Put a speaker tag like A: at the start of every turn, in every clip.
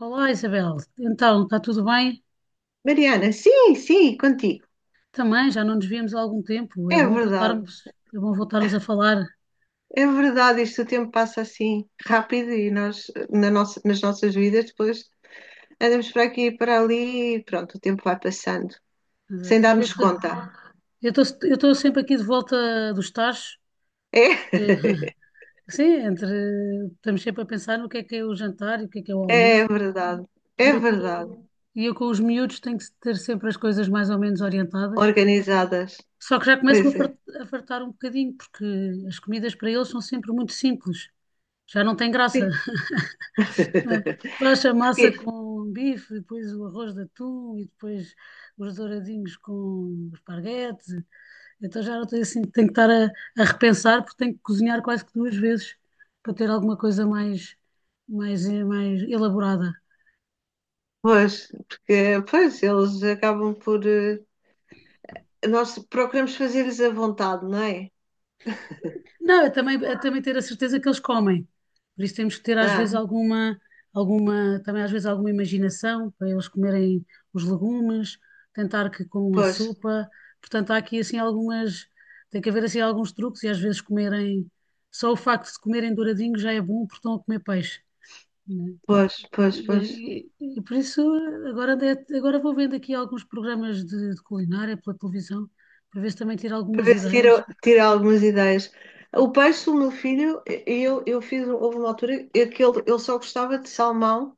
A: Olá, Isabel. Então, está tudo bem?
B: Mariana, sim, sim, contigo.
A: Também, já não nos víamos há algum tempo. É
B: É
A: bom
B: verdade,
A: voltarmos, é bom voltarmos a falar.
B: é verdade. Isto o tempo passa assim rápido e nós, nas nossas vidas, depois andamos para aqui e para ali e pronto, o tempo vai passando, sem
A: Mas, olha,
B: darmos conta.
A: eu estou sempre aqui de volta dos tachos, porque
B: É,
A: sim, estamos sempre a pensar no que é o jantar e o que é o
B: é
A: almoço.
B: verdade, é
A: E eu com,
B: verdade.
A: e eu com os miúdos tenho que ter sempre as coisas mais ou menos orientadas.
B: Organizadas,
A: Só que já
B: pois
A: começo-me
B: é.
A: a fartar um bocadinho, porque as comidas para eles são sempre muito simples. Já não tem graça.
B: Sim.
A: Né? Faz a massa
B: Porque,
A: com bife, depois o arroz de atum e depois os douradinhos com esparguete. Então já não tenho assim, tenho que estar a repensar, porque tenho que cozinhar quase que duas vezes para ter alguma coisa mais elaborada.
B: porque, pois, eles acabam por. Eh, Nós procuramos fazer-lhes a vontade, não é?
A: Não, é também ter a certeza que eles comem. Por isso temos que ter às
B: Ah,
A: vezes também às vezes alguma imaginação para eles comerem os legumes, tentar que com a
B: pois,
A: sopa. Portanto, há aqui assim algumas, tem que haver assim alguns truques e às vezes comerem, só o facto de comerem douradinho já é bom porque estão a comer peixe, né?
B: pois, pois, pois.
A: E por isso agora, agora vou vendo aqui alguns programas de culinária pela televisão para ver se também tiro
B: Para
A: algumas
B: ver se tira,
A: ideias.
B: tira algumas ideias. O peixe, o meu filho, eu fiz, houve uma altura em que ele só gostava de salmão,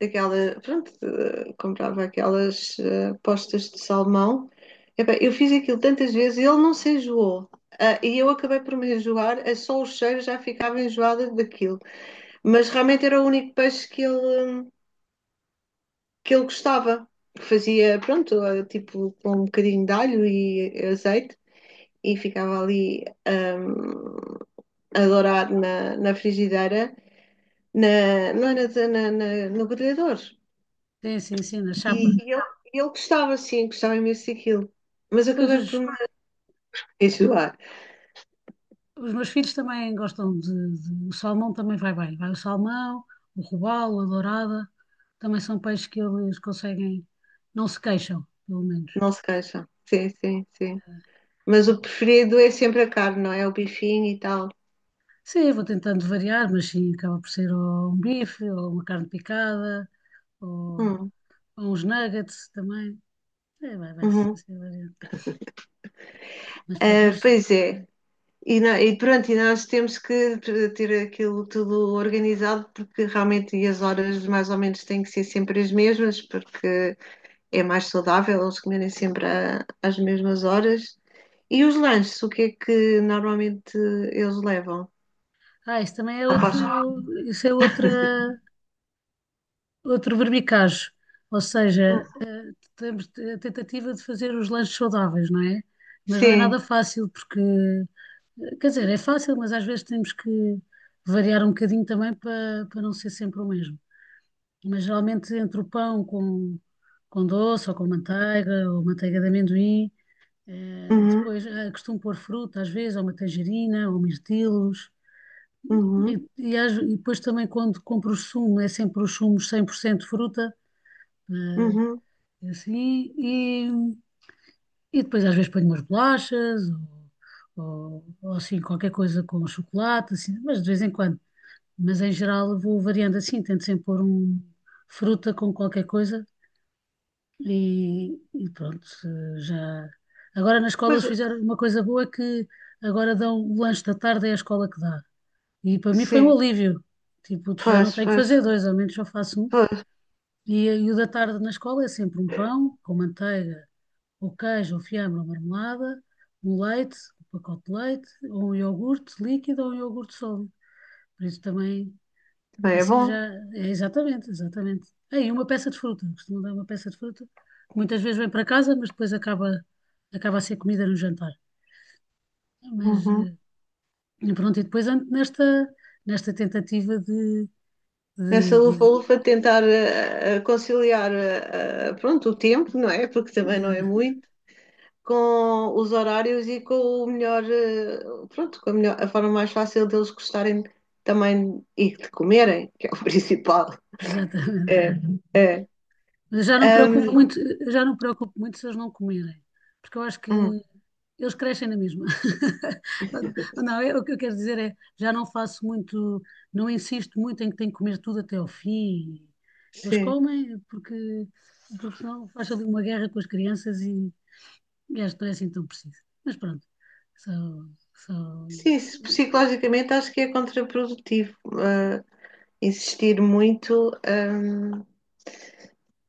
B: daquela, pronto, comprava aquelas postas de salmão. Epá, eu fiz aquilo tantas vezes e ele não se enjoou. Ah, e eu acabei por me enjoar, só o cheiro já ficava enjoada daquilo. Mas realmente era o único peixe que ele gostava. Fazia, pronto, tipo com um bocadinho de alho e azeite. E ficava ali a dourar na frigideira, não era no grelhador.
A: Sim, sim, sim, na
B: E
A: chapa.
B: ele gostava, sim, gostava imenso daquilo. Mas eu
A: Pois
B: acabei
A: os,
B: por me enjoar,
A: Os meus filhos também gostam, o salmão também vai bem. Vai o salmão, o robalo, a dourada. Também são peixes que eles conseguem. Não se queixam, pelo menos.
B: não se queixa. Sim, sim, sim. Mas o preferido é sempre a carne, não é? O bifinho e tal.
A: Sim, vou tentando variar, mas sim, acaba por ser ou um bife, ou uma carne picada, ou,
B: Hum,
A: ou uns nuggets também. É, vai ser
B: uhum.
A: assim variando. Mas pronto,
B: Ah,
A: mas.
B: pois é. E pronto, e nós temos que ter aquilo tudo organizado, porque realmente e as horas mais ou menos têm que ser sempre as mesmas, porque é mais saudável eles comerem sempre às mesmas horas. E os lanches, o que é que normalmente eles levam?
A: Ah, isso também é
B: Ao
A: outro.
B: passo-
A: Isso é outro verbicajo. Ou
B: Hum,
A: seja, temos a tentativa de fazer os lanches saudáveis, não é? Mas não é
B: Sim.
A: nada fácil, porque, quer dizer, é fácil, mas às vezes temos que variar um bocadinho também para não ser sempre o mesmo. Mas geralmente entre o pão com doce ou com manteiga ou manteiga de amendoim,
B: Uhum,
A: depois costumo pôr fruta às vezes, ou uma tangerina, ou mirtilos. E,
B: uhum,
A: e depois também quando compro o sumo, é sempre os sumos 100% fruta, eh,
B: uhum.
A: assim. E depois às vezes ponho umas bolachas ou assim qualquer coisa com chocolate, assim, mas de vez em quando. Mas em geral vou variando assim, tento sempre pôr um fruta com qualquer coisa e pronto, já. Agora nas
B: Pois,
A: escolas fizeram uma coisa boa, é que agora dão o lanche da tarde, é a escola que dá. E para mim foi um
B: sim.
A: alívio. Tipo, já não
B: Pois,
A: tenho que
B: pois,
A: fazer dois, ao menos só faço um.
B: pois.
A: E, e o da tarde na escola é sempre um pão com manteiga, ou queijo, ou fiambre, ou marmelada, um leite, um pacote de leite, ou um iogurte líquido ou um iogurte sólido. Por isso também,
B: Também é
A: assim já,
B: bom.
A: é exatamente, exatamente. É, e uma peça de fruta, costumam dar uma peça de fruta, que muitas vezes vem para casa, mas depois acaba, acaba a ser comida no jantar. Mas,
B: Uhum.
A: e pronto, e depois ando nesta tentativa de, de,
B: Nessa
A: de,
B: lufa-lufa tentar conciliar pronto, o tempo, não é? Porque também não é
A: eh,
B: muito. Com os horários e com o melhor, pronto, com a melhor, a forma mais fácil deles gostarem também e de comerem, que é o principal.
A: Exatamente.
B: É, é.
A: Mas já não preocupo
B: Ahm,
A: muito, já não preocupo muito se eles não comerem, porque eu acho que
B: hum,
A: eles crescem na mesma. Não, o que eu quero dizer é, já não faço muito, não insisto muito em que têm que comer tudo até ao fim. Eles
B: sim,
A: comem, porque senão faz ali uma guerra com as crianças, e acho que não é assim tão preciso. Mas pronto, só, só,
B: sim, psicologicamente acho que é contraprodutivo, ah, insistir muito, ahm,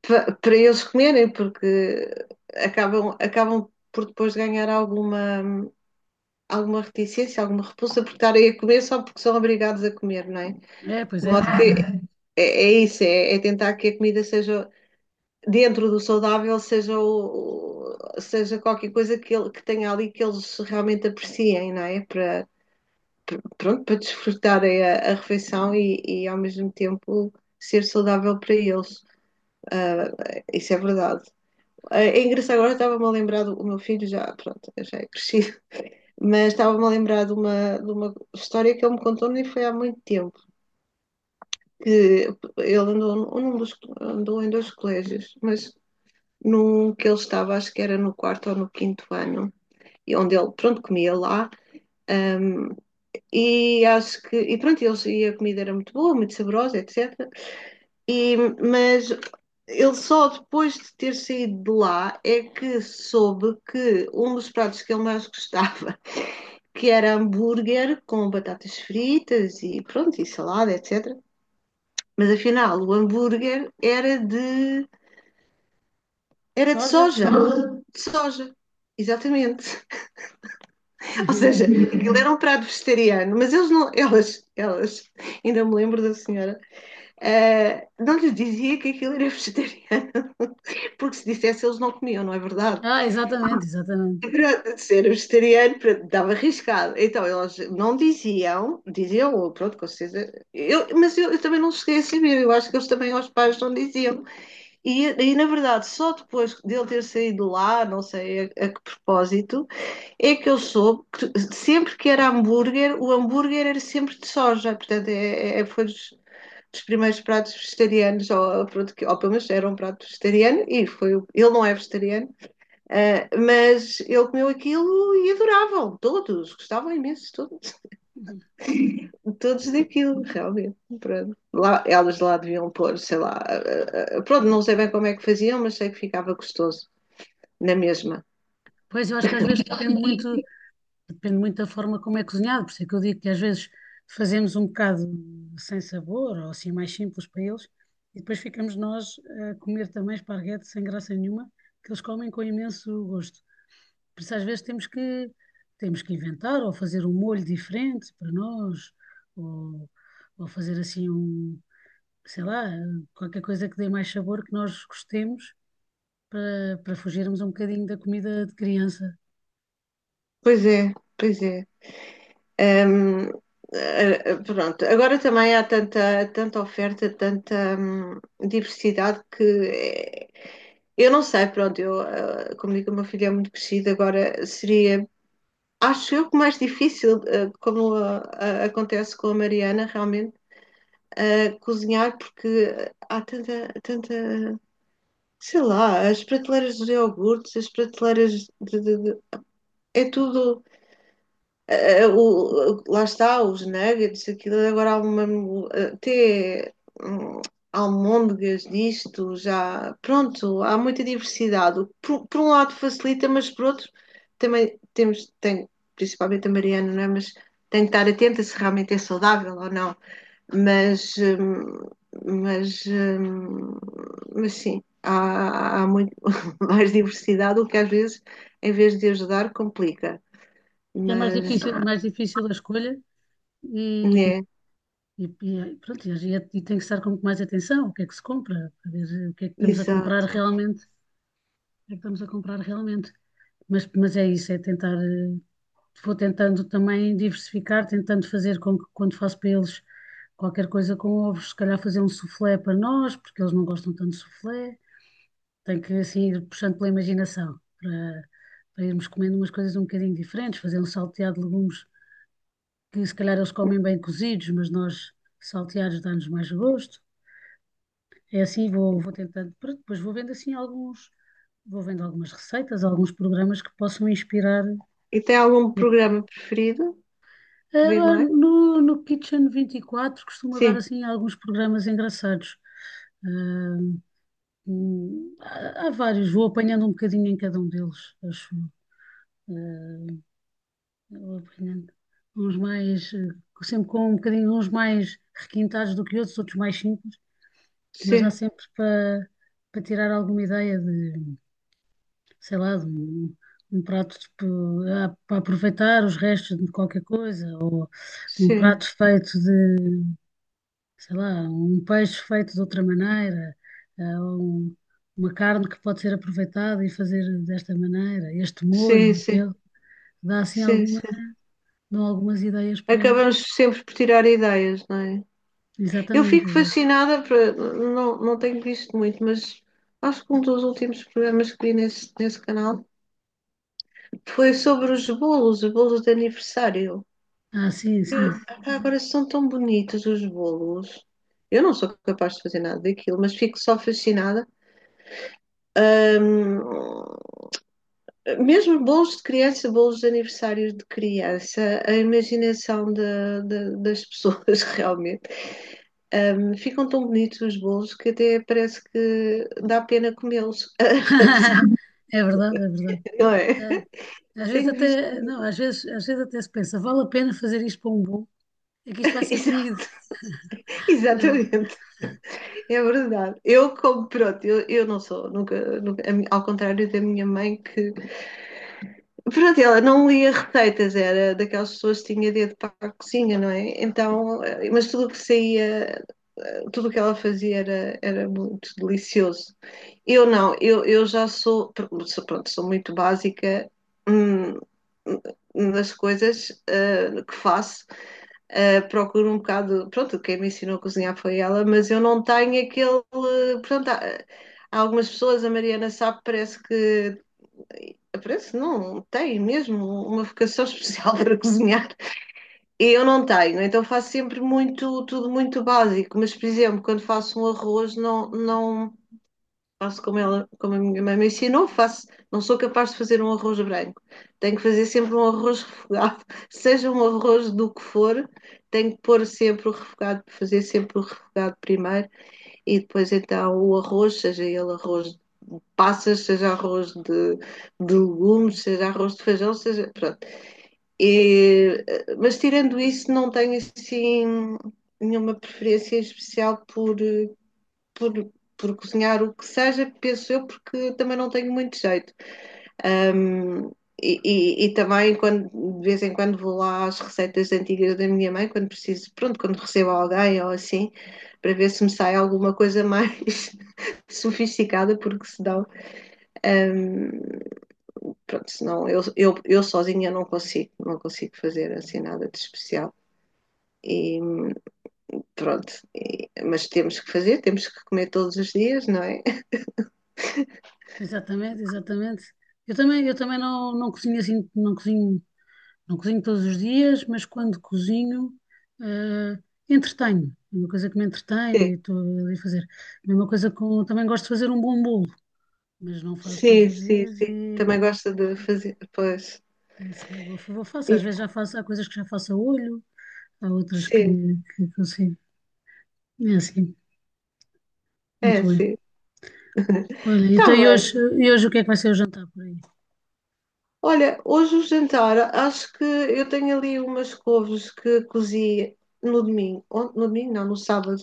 B: pa- para eles comerem, porque acabam por depois ganhar alguma reticência, alguma repulsa por estarem a comer só porque são obrigados a comer, não é?
A: pois
B: De
A: é,
B: modo
A: pois é.
B: que é isso, é tentar que a comida seja, dentro do saudável, seja, seja qualquer coisa que, que tenha ali que eles realmente apreciem, não é? Para, pronto, para desfrutarem a refeição e ao mesmo tempo ser saudável para eles. Ah, isso é verdade. Ah, é engraçado, agora estava-me a lembrar do o meu filho, já, pronto, já é crescido, mas estava-me a lembrar de uma história que ele me contou nem foi há muito tempo que ele andou, andou em dois colégios, mas num que ele estava, acho que era no quarto ou no quinto ano, e onde ele, pronto, comia lá, e acho que, e pronto, eles, e a comida era muito boa, muito saborosa, etc. E, mas ele só depois de ter saído de lá é que soube que um dos pratos que ele mais gostava, que era hambúrguer com batatas fritas e pronto, e salada, etc. Mas afinal, o hambúrguer era de
A: Soja?
B: soja, de soja, exatamente. Ou seja, aquilo era um prato vegetariano, mas eles não, elas, ainda me lembro da senhora, não lhes dizia que aquilo era vegetariano, porque se dissesse eles não comiam, não é verdade?
A: Ah, exatamente, exatamente.
B: Para ser vegetariano, pronto, dava arriscado. Então elas não diziam, ou pronto, com certeza, mas eu também não cheguei a saber, eu acho que eles também aos pais não diziam. E na verdade, só depois dele ter saído lá, não sei a que propósito, é que eu soube que sempre que era hambúrguer, o hambúrguer era sempre de soja, portanto, foi dos primeiros pratos vegetarianos, ou, pronto, que, ou pelo menos era um prato vegetariano, e foi, ele não é vegetariano, mas ele comeu aquilo e adoravam, todos, gostavam imenso, todos, daquilo, realmente, pronto. Lá, elas lá deviam pôr, sei lá, pronto, não sei bem como é que faziam, mas sei que ficava gostoso, na mesma.
A: Pois eu acho que às vezes depende muito. Depende muito da forma como é cozinhado, por isso é que eu digo que às vezes fazemos um bocado sem sabor, ou assim mais simples para eles, e depois ficamos nós a comer também esparguete sem graça nenhuma, que eles comem com imenso gosto. Por isso às vezes temos que inventar, ou fazer um molho diferente para nós, ou fazer assim um, sei lá, qualquer coisa que dê mais sabor que nós gostemos, para fugirmos um bocadinho da comida de criança.
B: Pois é, pois é. Hum, pronto, agora também há tanta oferta, tanta diversidade que eu não sei, pronto, eu, como digo, o meu filho é muito crescido, agora seria, acho eu que mais difícil, como acontece com a Mariana, realmente, cozinhar, porque há tanta, sei lá, as prateleiras dos iogurtes, as prateleiras de, de- de- é tudo lá está, os nuggets, aquilo é agora há uma, até hum, almôndegas disto, já, pronto, há muita diversidade. Por um lado facilita, mas por outro também tem, principalmente a Mariana, não é? Mas tem que estar atenta se realmente é saudável ou não. Mas, hum, mas, hum, mas sim, há muito mais diversidade, o que às vezes, em vez de ajudar, complica.
A: É
B: Mas,
A: mais difícil a escolha, e.
B: né,
A: E, pronto, e tem que estar com mais atenção o que é que se compra, para ver o que é que estamos a comprar
B: exato.
A: realmente, o que é que estamos a comprar realmente. Mas, é isso, é tentar, vou tentando também diversificar, tentando fazer com que quando faço para eles qualquer coisa com ovos, se calhar fazer um soufflé para nós, porque eles não gostam tanto de soufflé, tem que assim ir puxando pela imaginação, para irmos comendo umas coisas um bocadinho diferentes, fazer um salteado de legumes que se calhar eles comem bem cozidos, mas nós salteados dá-nos mais gosto. É assim, vou tentando, pronto, depois vou vendo algumas receitas, alguns programas que possam inspirar.
B: E tem algum programa preferido que vê
A: Ah,
B: mais?
A: no Kitchen 24 costuma dar
B: Sim,
A: assim alguns programas engraçados. Ah, há vários, vou apanhando um bocadinho em cada um deles, acho eu. Ah, vou apanhando uns mais, sempre com um bocadinho uns mais requintados do que outros, outros mais simples, mas há
B: sim,
A: sempre para tirar alguma ideia de, sei lá, de um prato tipo, para aproveitar os restos de qualquer coisa, ou um
B: sim,
A: prato feito de, sei lá, um peixe feito de outra maneira, ou uma carne que pode ser aproveitada e fazer desta maneira, este
B: sim,
A: molho,
B: sim,
A: aquele, dá assim
B: sim,
A: alguma,
B: sim.
A: dão algumas ideias para.
B: Acabamos sempre por tirar ideias, não é? Eu
A: Exatamente,
B: fico
A: exato.
B: fascinada, não, não tenho visto muito, mas acho que um dos últimos programas que vi nesse canal foi sobre os bolos de aniversário.
A: Ah, sim, sim.
B: Ah, agora são tão bonitos os bolos. Eu não sou capaz de fazer nada daquilo, mas fico só fascinada. Ahm, mesmo bolos de criança, bolos de aniversário de criança, a imaginação das pessoas realmente. Ficam tão bonitos os bolos que até parece que dá pena comê-los.
A: É verdade, é verdade.
B: Não é?
A: É. Às vezes
B: Tenho visto.
A: até, não, às vezes até se pensa, vale a pena fazer isto para um bolo? É que isto vai ser comido. É,
B: Exatamente, é verdade. Eu como, pronto, eu não sou, nunca, ao contrário da minha mãe que pronto, ela não lia receitas, era daquelas pessoas que tinha dedo para a cozinha, não é? Então, mas tudo o que saía, tudo o que ela fazia era muito delicioso. Eu não, eu já sou, pronto, sou muito básica hum, nas coisas que faço. Procuro um bocado, pronto, quem me ensinou a cozinhar foi ela, mas eu não tenho aquele, pronto, há algumas pessoas, a Mariana sabe, parece que não tem mesmo uma vocação especial para cozinhar. Eu não tenho, então faço sempre muito, tudo muito básico, mas por exemplo, quando faço um arroz, não, não faço como ela, como a minha mãe me ensinou, não sou capaz de fazer um arroz branco. Tenho que fazer sempre um arroz refogado, seja um arroz do que for, tenho que pôr sempre o refogado, fazer sempre o refogado primeiro e depois então o arroz, seja ele arroz passas, seja arroz de legumes, seja arroz de feijão, seja. Pronto. E, mas tirando isso, não tenho assim nenhuma preferência especial por, por cozinhar o que seja, penso eu, porque também não tenho muito jeito. Um, também quando de vez em quando vou lá às receitas antigas da minha mãe, quando preciso, pronto, quando recebo alguém ou assim, para ver se me sai alguma coisa mais sofisticada, porque se dão um, pronto, senão eu sozinha não consigo fazer assim nada de especial. E pronto, mas temos que fazer, temos que comer todos os dias, não é?
A: exatamente, exatamente. Eu também não cozinho assim, não cozinho todos os dias, mas quando cozinho, eh, entretenho. É uma coisa que me entretém e estou ali a fazer. Mesma coisa com, também gosto de fazer um bom bolo, mas não faço todos
B: Sim,
A: os
B: sim, sim.
A: dias.
B: Sim.
A: E
B: Também gosta de fazer, pois.
A: é assim, vou, vou faço.
B: E-
A: Às vezes já faço, há coisas que já faço a olho, há outras que,
B: Sim,
A: que consigo. É assim,
B: é,
A: muito bem.
B: sim.
A: Olha,
B: Está
A: então e
B: bem.
A: hoje, e hoje o que é que vai ser o jantar por aí?
B: Olha, hoje o jantar, acho que eu tenho ali umas couves que cozi no domingo. No domingo, não, no sábado.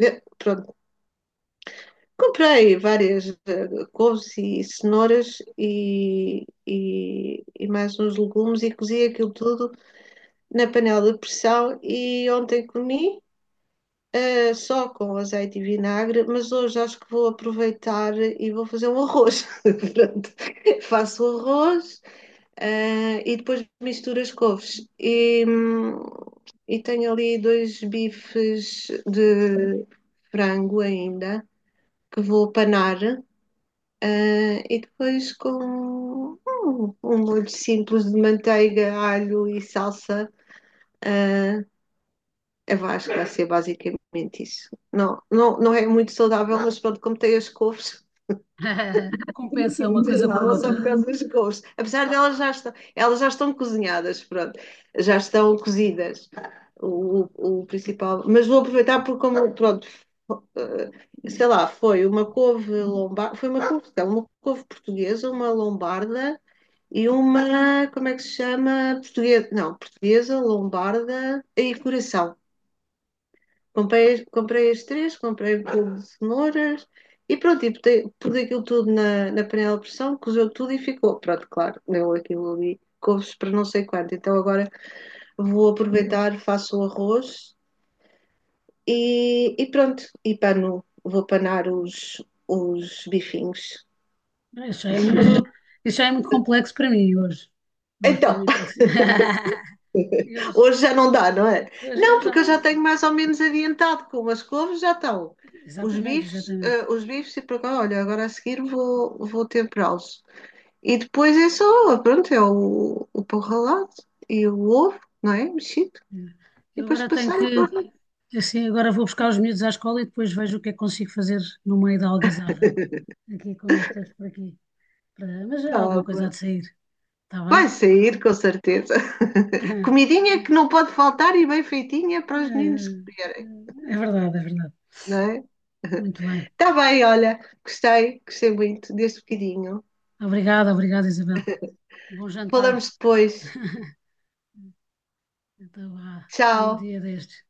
B: Pronto, comprei várias couves e cenouras e mais uns legumes e cozi aquilo tudo na panela de pressão e ontem comi só com azeite e vinagre, mas hoje acho que vou aproveitar e vou fazer um arroz. Pronto. Faço o arroz e depois misturo as couves. E tenho ali dois bifes de frango ainda que vou panar e depois com um molho simples de manteiga, alho e salsa, eu acho que vai ser basicamente isso. Não, não, não é muito saudável, mas pronto, como tem as couves,
A: Compensa uma coisa com a
B: não só
A: outra.
B: por causa das couves. Apesar de elas já estão cozinhadas, pronto, já estão cozidas, o principal. Mas vou aproveitar porque como, pronto, sei lá, foi uma couve lombarda, foi uma couve, não, uma couve portuguesa, uma lombarda e uma, como é que se chama? Portuguesa, não, portuguesa, lombarda e coração. Comprei as três, comprei um pouco de cenouras e pronto, e pus aquilo tudo na panela de pressão, cozeu tudo e ficou. Pronto, claro, deu aquilo ali, couves para não sei quanto. Então agora vou aproveitar, faço o arroz e pronto, e pano, vou panar os bifinhos.
A: Ah, isso já é muito complexo para mim hoje. Hoje para
B: Então,
A: mim tem que ser. E Hoje,
B: hoje já não dá, não é?
A: hoje, hoje
B: Não,
A: já
B: porque eu
A: não
B: já
A: é.
B: tenho mais ou menos adiantado com as couves, já estão. Os
A: Exatamente,
B: bifes,
A: exatamente.
B: os bifes e para cá, olha, agora a seguir vou temperá-los. E depois é só, pronto, é o pão ralado e o ovo, não é? Mexido.
A: É.
B: E
A: Eu
B: depois
A: agora
B: passar e pôr na
A: assim, agora vou buscar os miúdos à escola e depois vejo o que é que consigo fazer no meio da algazarra, aqui com eles todos por aqui. Mas há alguma coisa, há
B: tábua.
A: de sair, está
B: Vai
A: bem?
B: sair, com certeza. Comidinha que não pode faltar e bem feitinha para os meninos comerem,
A: É verdade, é verdade.
B: não é?
A: Muito bem.
B: Está bem, olha, gostei muito deste bocadinho.
A: Obrigada, obrigada, Isabel. Bom jantar.
B: Falamos depois.
A: Então vá, até um
B: Tchau.
A: dia destes.